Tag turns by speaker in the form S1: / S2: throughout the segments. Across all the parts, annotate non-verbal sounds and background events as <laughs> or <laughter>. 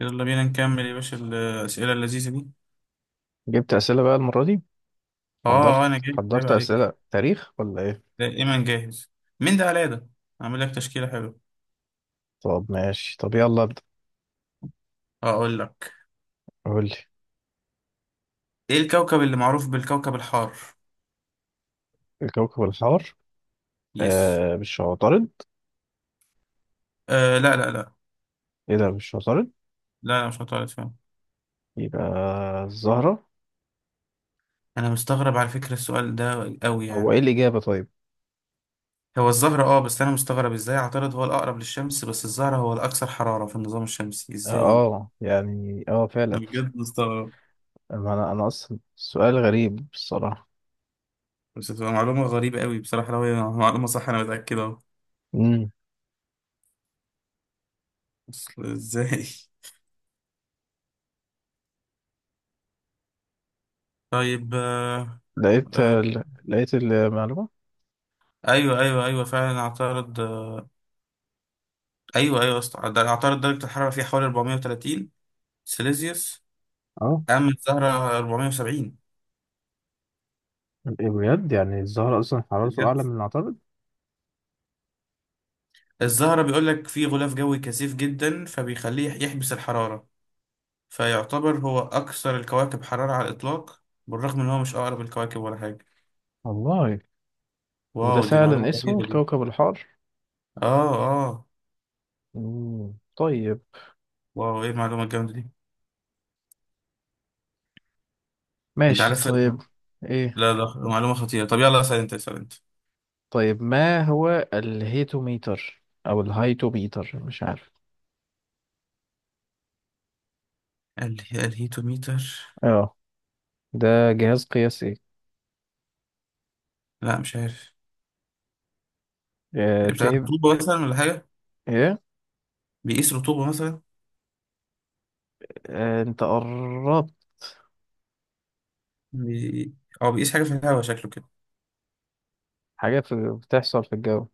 S1: يلا بينا نكمل يا باشا الأسئلة اللذيذة دي.
S2: جبت أسئلة بقى المرة دي.
S1: اه
S2: حضرت
S1: انا جاهز جايب
S2: حضرت
S1: عليك.
S2: أسئلة تاريخ ولا إيه؟
S1: لا، ايمن جاهز. مين ده على ده؟ اعمل لك تشكيلة حلوة.
S2: طب ماشي، طب يلا ابدأ.
S1: اقول لك:
S2: قول لي.
S1: ايه الكوكب اللي معروف بالكوكب الحار؟
S2: الكوكب الحار.
S1: يس.
S2: مش عطارد؟
S1: آه، لا لا لا
S2: إيه ده، مش عطارد؟
S1: لا مش هتعرف، فاهم؟
S2: يبقى الزهرة.
S1: انا مستغرب على فكرة، السؤال ده قوي
S2: هو
S1: يعني.
S2: إيه الإجابة طيب؟
S1: هو الزهرة، اه، بس انا مستغرب ازاي عطارد هو الاقرب للشمس بس الزهرة هو الاكثر حرارة في النظام الشمسي؟ ازاي؟
S2: يعني فعلا.
S1: انا بجد مستغرب.
S2: أما أنا أصلا سؤال غريب الصراحة.
S1: بس هتبقى معلومة غريبة قوي بصراحة لو هي معلومة صح، انا متأكد اهو.
S2: مم.
S1: بس ازاي؟ طيب، آه
S2: لقيت المعلومة.
S1: ايوه فعلا اعترض. ايوه أصلاً ده اعترض. درجة الحرارة فيها حوالي 430 سيليزيوس،
S2: اه.
S1: اما الزهرة 470.
S2: إيه بجد؟ يعني الزهرة أصلا حرارته
S1: بجد،
S2: أعلى من العطارد.
S1: الزهرة بيقول لك فيه غلاف جوي كثيف جدا فبيخليه يحبس الحرارة، فيعتبر هو اكثر الكواكب حرارة على الاطلاق، بالرغم ان هو مش اقرب الكواكب ولا حاجة.
S2: والله. وده
S1: واو، دي
S2: فعلا
S1: معلومة
S2: اسمه
S1: غريبة دي.
S2: الكوكب الحار.
S1: اه. اه.
S2: مم. طيب.
S1: واو، ايه المعلومة الجامدة دي! انت
S2: ماشي
S1: عارف،
S2: طيب، ايه؟
S1: لا معلومة خطيرة. طب يلا اسأل انت، اسأل.
S2: طيب، ما هو الهيتوميتر او الهايتوميتر؟ مش عارف.
S1: انت الهيتوميتر؟
S2: اه، ده جهاز قياسي.
S1: لا مش عارف. بتاع
S2: تهب.
S1: رطوبة مثلا ولا حاجة؟
S2: ايه؟
S1: بيقيس رطوبة مثلا؟
S2: انت قربت.
S1: بي... أو بيقيس حاجة في الهواء، شكله كده.
S2: حاجة في بتحصل في الجو.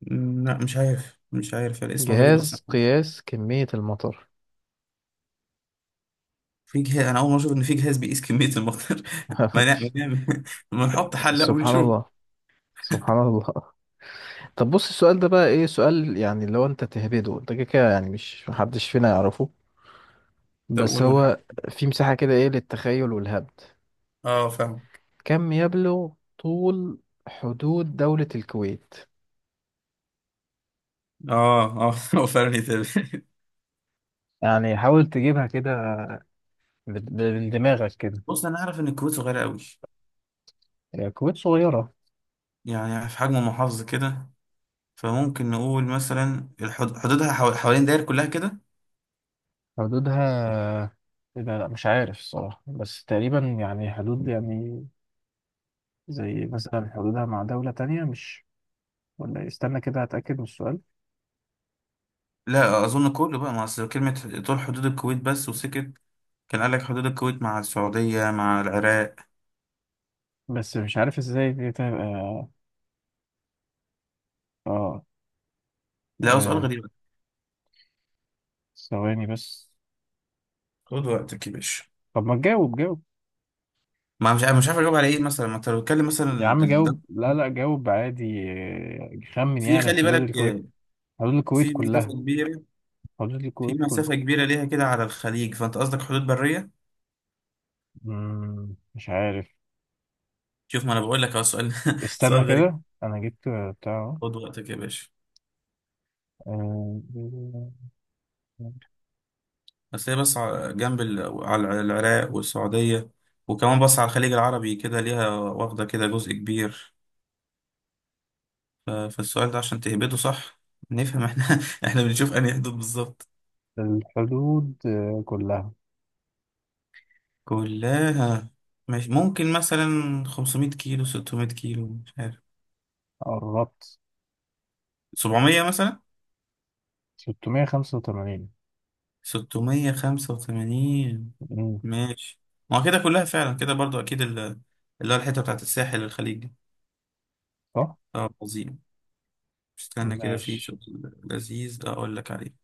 S1: مم، لا مش عارف، مش عارف الاسم غريب أصلا.
S2: جهاز قياس كمية المطر.
S1: في جهاز؟ أنا أول مرة أشوف إن في جهاز بيقيس كمية المطر <laughs> ما
S2: <laughs>
S1: نعمل ما نعمل ما نحط حلة
S2: سبحان
S1: ونشوف.
S2: الله. سبحان الله. طب بص، السؤال ده بقى ايه سؤال يعني، لو انت تهبده انت كده كده يعني، مش محدش فينا يعرفه.
S1: طب
S2: بس
S1: قول ونحاول.
S2: هو في مساحة كده، ايه، للتخيل والهبد.
S1: أه فاهم.
S2: كم يبلغ طول حدود دولة الكويت؟
S1: أه. أه <laughs> هو فعلا يتابع.
S2: يعني حاول تجيبها كده، من دماغك كده.
S1: بص، أنا أعرف إن الكويت صغيرة أوي،
S2: هي الكويت صغيرة.
S1: يعني في حجم محافظة كده. فممكن نقول مثلا حدودها حوالين داير كلها كده.
S2: حدودها؟ لا لا، مش عارف الصراحة، بس تقريبا يعني حدود يعني، زي مثلا حدودها مع دولة تانية مش. ولا استنى كده هتأكد من السؤال.
S1: لا اظن كله، بقى ما اصل كلمه طول حدود الكويت بس وسكت. كان قال لك حدود الكويت مع السعوديه مع العراق.
S2: بس مش عارف ازاي دي تبقى. اه.
S1: لا هو سؤال
S2: آه،
S1: غريب.
S2: ثواني بس.
S1: خد وقتك يا باشا.
S2: طب ما تجاوب، جاوب.
S1: ما مش عارف، مش عارف اجاوب على ايه مثلا؟ ما انت لو بتتكلم مثلا
S2: يا عم
S1: ده.
S2: جاوب، لا لا، جاوب عادي. خمن
S1: في
S2: يعني
S1: خلي
S2: حدود
S1: بالك،
S2: الكويت.
S1: آه،
S2: حدود الكويت
S1: في مسافه
S2: كلها.
S1: كبيره،
S2: فاضل
S1: في
S2: الكويت كله.
S1: مسافه كبيره ليها كده على الخليج، فانت قصدك حدود بريه؟
S2: مش عارف.
S1: شوف، ما انا بقول لك اهو سؤال <laughs> سؤال
S2: استنى
S1: غريب.
S2: كده، أنا جبت بتاع.
S1: خد وقتك يا باشا.
S2: آه،
S1: بس هي، بس جنب على العراق والسعوديه، وكمان بص على الخليج العربي كده ليها واخده كده جزء كبير. فالسؤال ده عشان تهبده صح، نفهم احنا <laughs> احنا بنشوف انهي حدود بالظبط.
S2: الحدود كلها.
S1: كلها. مش ممكن مثلا 500 كيلو، 600 كيلو؟ مش عارف.
S2: قربت.
S1: 700 مثلا.
S2: 685.
S1: 685.
S2: مم.
S1: ماشي. ما هو كده كلها فعلا كده برضو اكيد اللي هو الحته بتاعت الساحل الخليج دي.
S2: صح؟
S1: اه عظيم. استنى كده، في
S2: ماشي.
S1: سؤال لذيذ اقول لك عليه.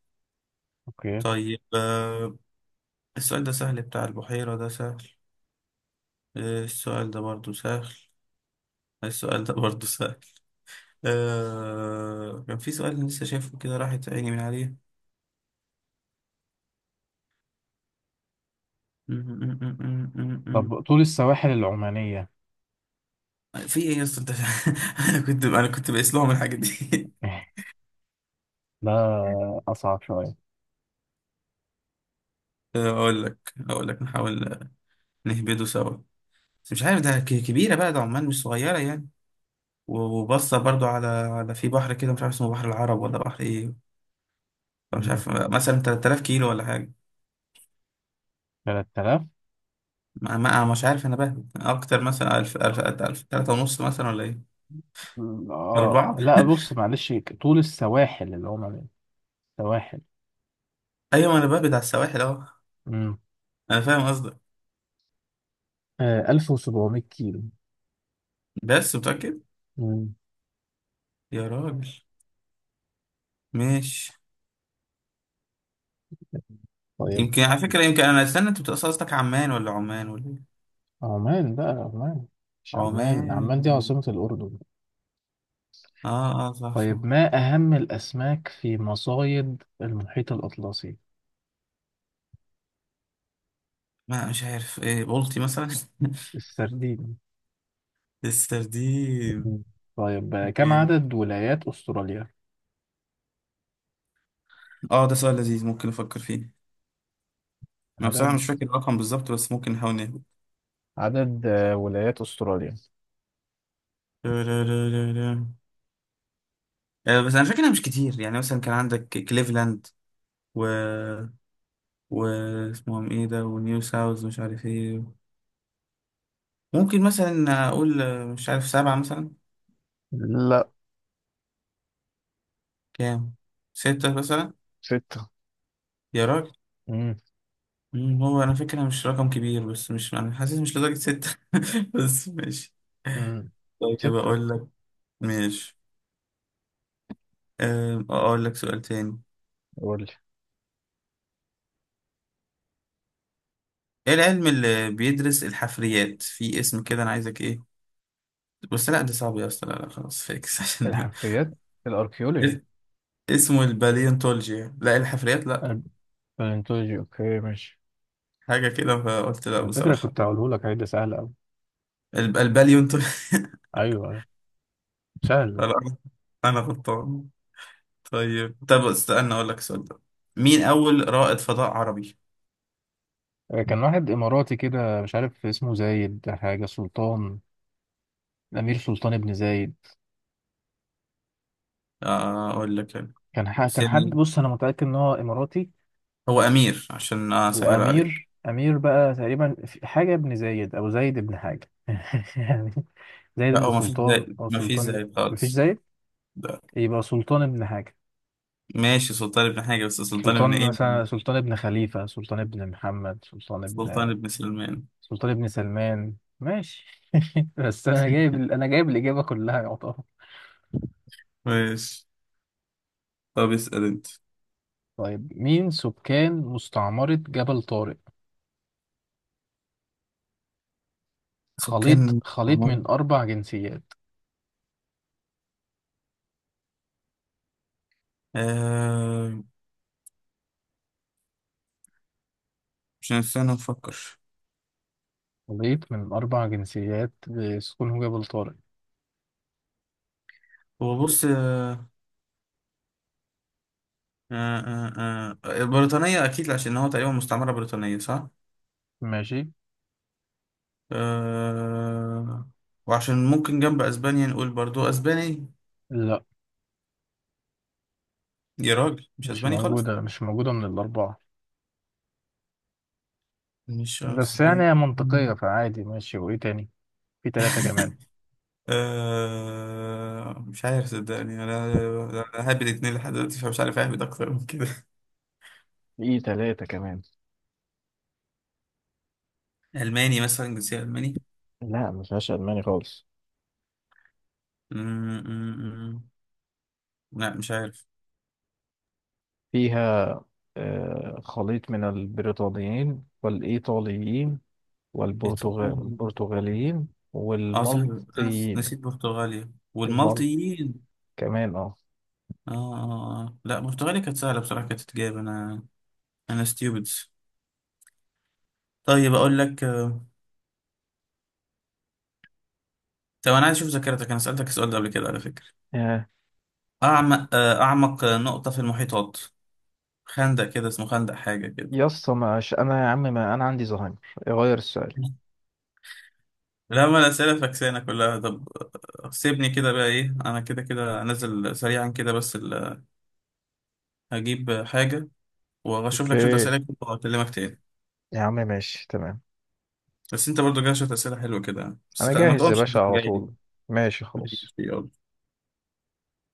S2: أوكي.
S1: طيب آه، السؤال ده سهل، بتاع البحيرة ده سهل. آه، السؤال ده برضو سهل. السؤال ده برضو سهل. آه، كان في سؤال لسه شايفه كده راحت عيني من عليه. م- م- م- م- م- م.
S2: طب طول السواحل العمانية؟
S1: في ايه يا اسطى انت <laughs> انا كنت بقيس لهم الحاجات دي.
S2: <laughs> ده أصعب شوية.
S1: <laughs> آه، اقول لك نحاول نهبده سوا. بس مش عارف ده كبيره بقى، ده عمان مش صغيره يعني، وبصه برضو على في بحر كده مش عارف اسمه بحر العرب ولا بحر ايه. مش
S2: مم،
S1: عارف مثلا 3000 كيلو ولا حاجه.
S2: 3000.
S1: مش عارف، انا بهبد اكتر مثلا 1000 1000 1000، 3 ونص مثلا ولا ايه؟ اربعه؟
S2: لا، بص معلش. طول السواحل اللي هم، السواحل.
S1: ايوه ما انا بهبد على السواحل اهو.
S2: امم
S1: انا فاهم.
S2: 1700 كيلو.
S1: بس متأكد؟
S2: امم
S1: يا راجل. ماشي.
S2: طيب.
S1: يمكن على فكرة، يمكن أنا، استنى، أنت بتقصد قصدك عمان ولا عمان ولا إيه؟
S2: عمان بقى، عمان. مش عمان،
S1: عمان.
S2: عمان دي عاصمة الأردن.
S1: آه آه، صح صح.
S2: طيب ما أهم الأسماك في مصايد المحيط الأطلسي؟
S1: ما مش عارف إيه، بولتي مثلا؟
S2: السردين.
S1: <laughs> السردين.
S2: مم. طيب، كم
S1: إيه.
S2: عدد ولايات أستراليا؟
S1: آه ده سؤال لذيذ، ممكن أفكر فيه. أنا بصراحة
S2: عدد
S1: مش فاكر الرقم بالظبط بس ممكن نحاول نهبط.
S2: عدد ولايات أستراليا.
S1: لا. آه، بس أنا فاكرها مش كتير، يعني مثلا كان عندك كليفلاند و و اسمهم إيه ده، ونيو ساوث مش عارف إيه. ممكن مثلا أقول آه، مش عارف، سبعة مثلا؟
S2: لا.
S1: كام؟ ستة مثلا؟
S2: ستة؟
S1: يا راجل.
S2: مم.
S1: مم، هو أنا فاكرها مش رقم كبير، بس مش، أنا حاسس مش لدرجة ستة <laughs> بس ماشي.
S2: مم.
S1: طيب
S2: ستة.
S1: أقول لك. ماشي. أم، أقول لك سؤال تاني.
S2: قول لي.
S1: إيه العلم اللي بيدرس الحفريات؟ في اسم كده أنا عايزك إيه، بس لا ده صعب يا أسطى، لا خلاص فيكس <laughs> عشان
S2: الحفريات؟ الأركيولوجي.
S1: اس- اسمه الباليونتولوجيا، لا الحفريات لا،
S2: البالنتولوجي. أوكي ماشي.
S1: حاجة كده، فقلت لا
S2: على فكرة
S1: بصراحة.
S2: كنت هقوله لك، هيدا سهل أوي.
S1: الباليونتولوجيا <laughs>
S2: أيوه، سهل.
S1: لا أنا غلطان. طيب، طب استنى اقول لك السؤال ده: مين اول رائد فضاء عربي؟
S2: كان واحد إماراتي كده، مش عارف اسمه زايد حاجة سلطان. الأمير سلطان بن زايد.
S1: آه، اقول لك يعني، بس
S2: كان حد،
S1: يعني
S2: بص أنا متأكد إن هو إماراتي.
S1: هو امير، عشان اسهل عليك.
S2: وأمير بقى، تقريبا حاجة ابن زايد أو زايد ابن حاجة. <laughs> يعني زايد
S1: لا
S2: ابن
S1: هو، ما فيش
S2: سلطان
S1: زي
S2: أو
S1: ما فيش
S2: سلطان.
S1: زي
S2: مفيش
S1: خالص.
S2: زايد.
S1: ده
S2: يبقى سلطان ابن حاجة.
S1: ماشي، سلطان ابن حاجه، بس سلطان ابن
S2: سلطان
S1: ايه
S2: مثلا،
S1: يعني؟
S2: سلطان ابن خليفة، سلطان ابن محمد، سلطان
S1: سلطان
S2: ابن.
S1: ابن سليمان.
S2: سلطان ابن سلمان. ماشي. <laughs> بس أنا جايب الإجابة كلها يعتبر.
S1: ماشي. طب اسال انت.
S2: طيب مين سكان مستعمرة جبل طارق؟ خليط
S1: سكان.
S2: خليط
S1: عمر.
S2: من أربع جنسيات.
S1: آه، مش، استنى نفكر.
S2: خليط من أربع جنسيات بسكونه جبل طارق.
S1: هو بص، آه، آه، بريطانية أكيد عشان هو تقريبا مستعمرة بريطانية، صح؟
S2: ماشي.
S1: آه. وعشان ممكن جنب اسبانيا نقول برضو اسباني.
S2: لا
S1: يا راجل مش
S2: مش
S1: اسباني خالص.
S2: موجودة مش موجودة من الأربعة.
S1: مش
S2: بس يعني
S1: اسباني
S2: هي منطقية،
S1: <laughs>
S2: فعادي ماشي. وإيه تاني؟ في تلاتة كمان.
S1: آه مش عارف صدقني، انا حابب الاتنين لحد دلوقتي، فمش عارف اهبد اكتر من كده.
S2: في ثلاثة كمان.
S1: <laughs> الماني مثلا، جنسية الماني.
S2: لا، ما فيهاش ألماني خالص.
S1: م- م- م. لا مش عارف.
S2: فيها خليط من البريطانيين والإيطاليين
S1: ايطالي.
S2: والبرتغاليين
S1: اه صح، انا
S2: والمالطيين.
S1: نسيت برتغاليا
S2: والمال
S1: والمالطيين.
S2: كمان. اه.
S1: اه آه آه. لا برتغاليا كانت سهلة بصراحة، كانت تتجاب. انا ستيوبد. طيب اقول لك آه، طب انا عايز اشوف ذاكرتك، انا سالتك السؤال ده قبل كده على فكره.
S2: يا
S1: اعمق نقطه في المحيطات، خندق كده اسمه خندق حاجه كده.
S2: يا اسطى، مش انا يا عم، ما انا عندي زهايمر. غير السؤال.
S1: لا ما الاسئله فكسانه كلها. طب آه، سيبني كده بقى، ايه انا كده كده نازل سريعا كده، بس هجيب حاجه واشوف لك شويه
S2: اوكي.
S1: اسئله كده واكلمك تاني.
S2: يا عم ماشي تمام.
S1: بس انت برضو جاي شويه اسئله حلوه كده يعني. بس
S2: انا
S1: ما
S2: جاهز يا
S1: تقومش
S2: باشا
S1: من
S2: على
S1: جاي دي.
S2: طول. ماشي
S1: ماشي،
S2: خلاص.
S1: يلا.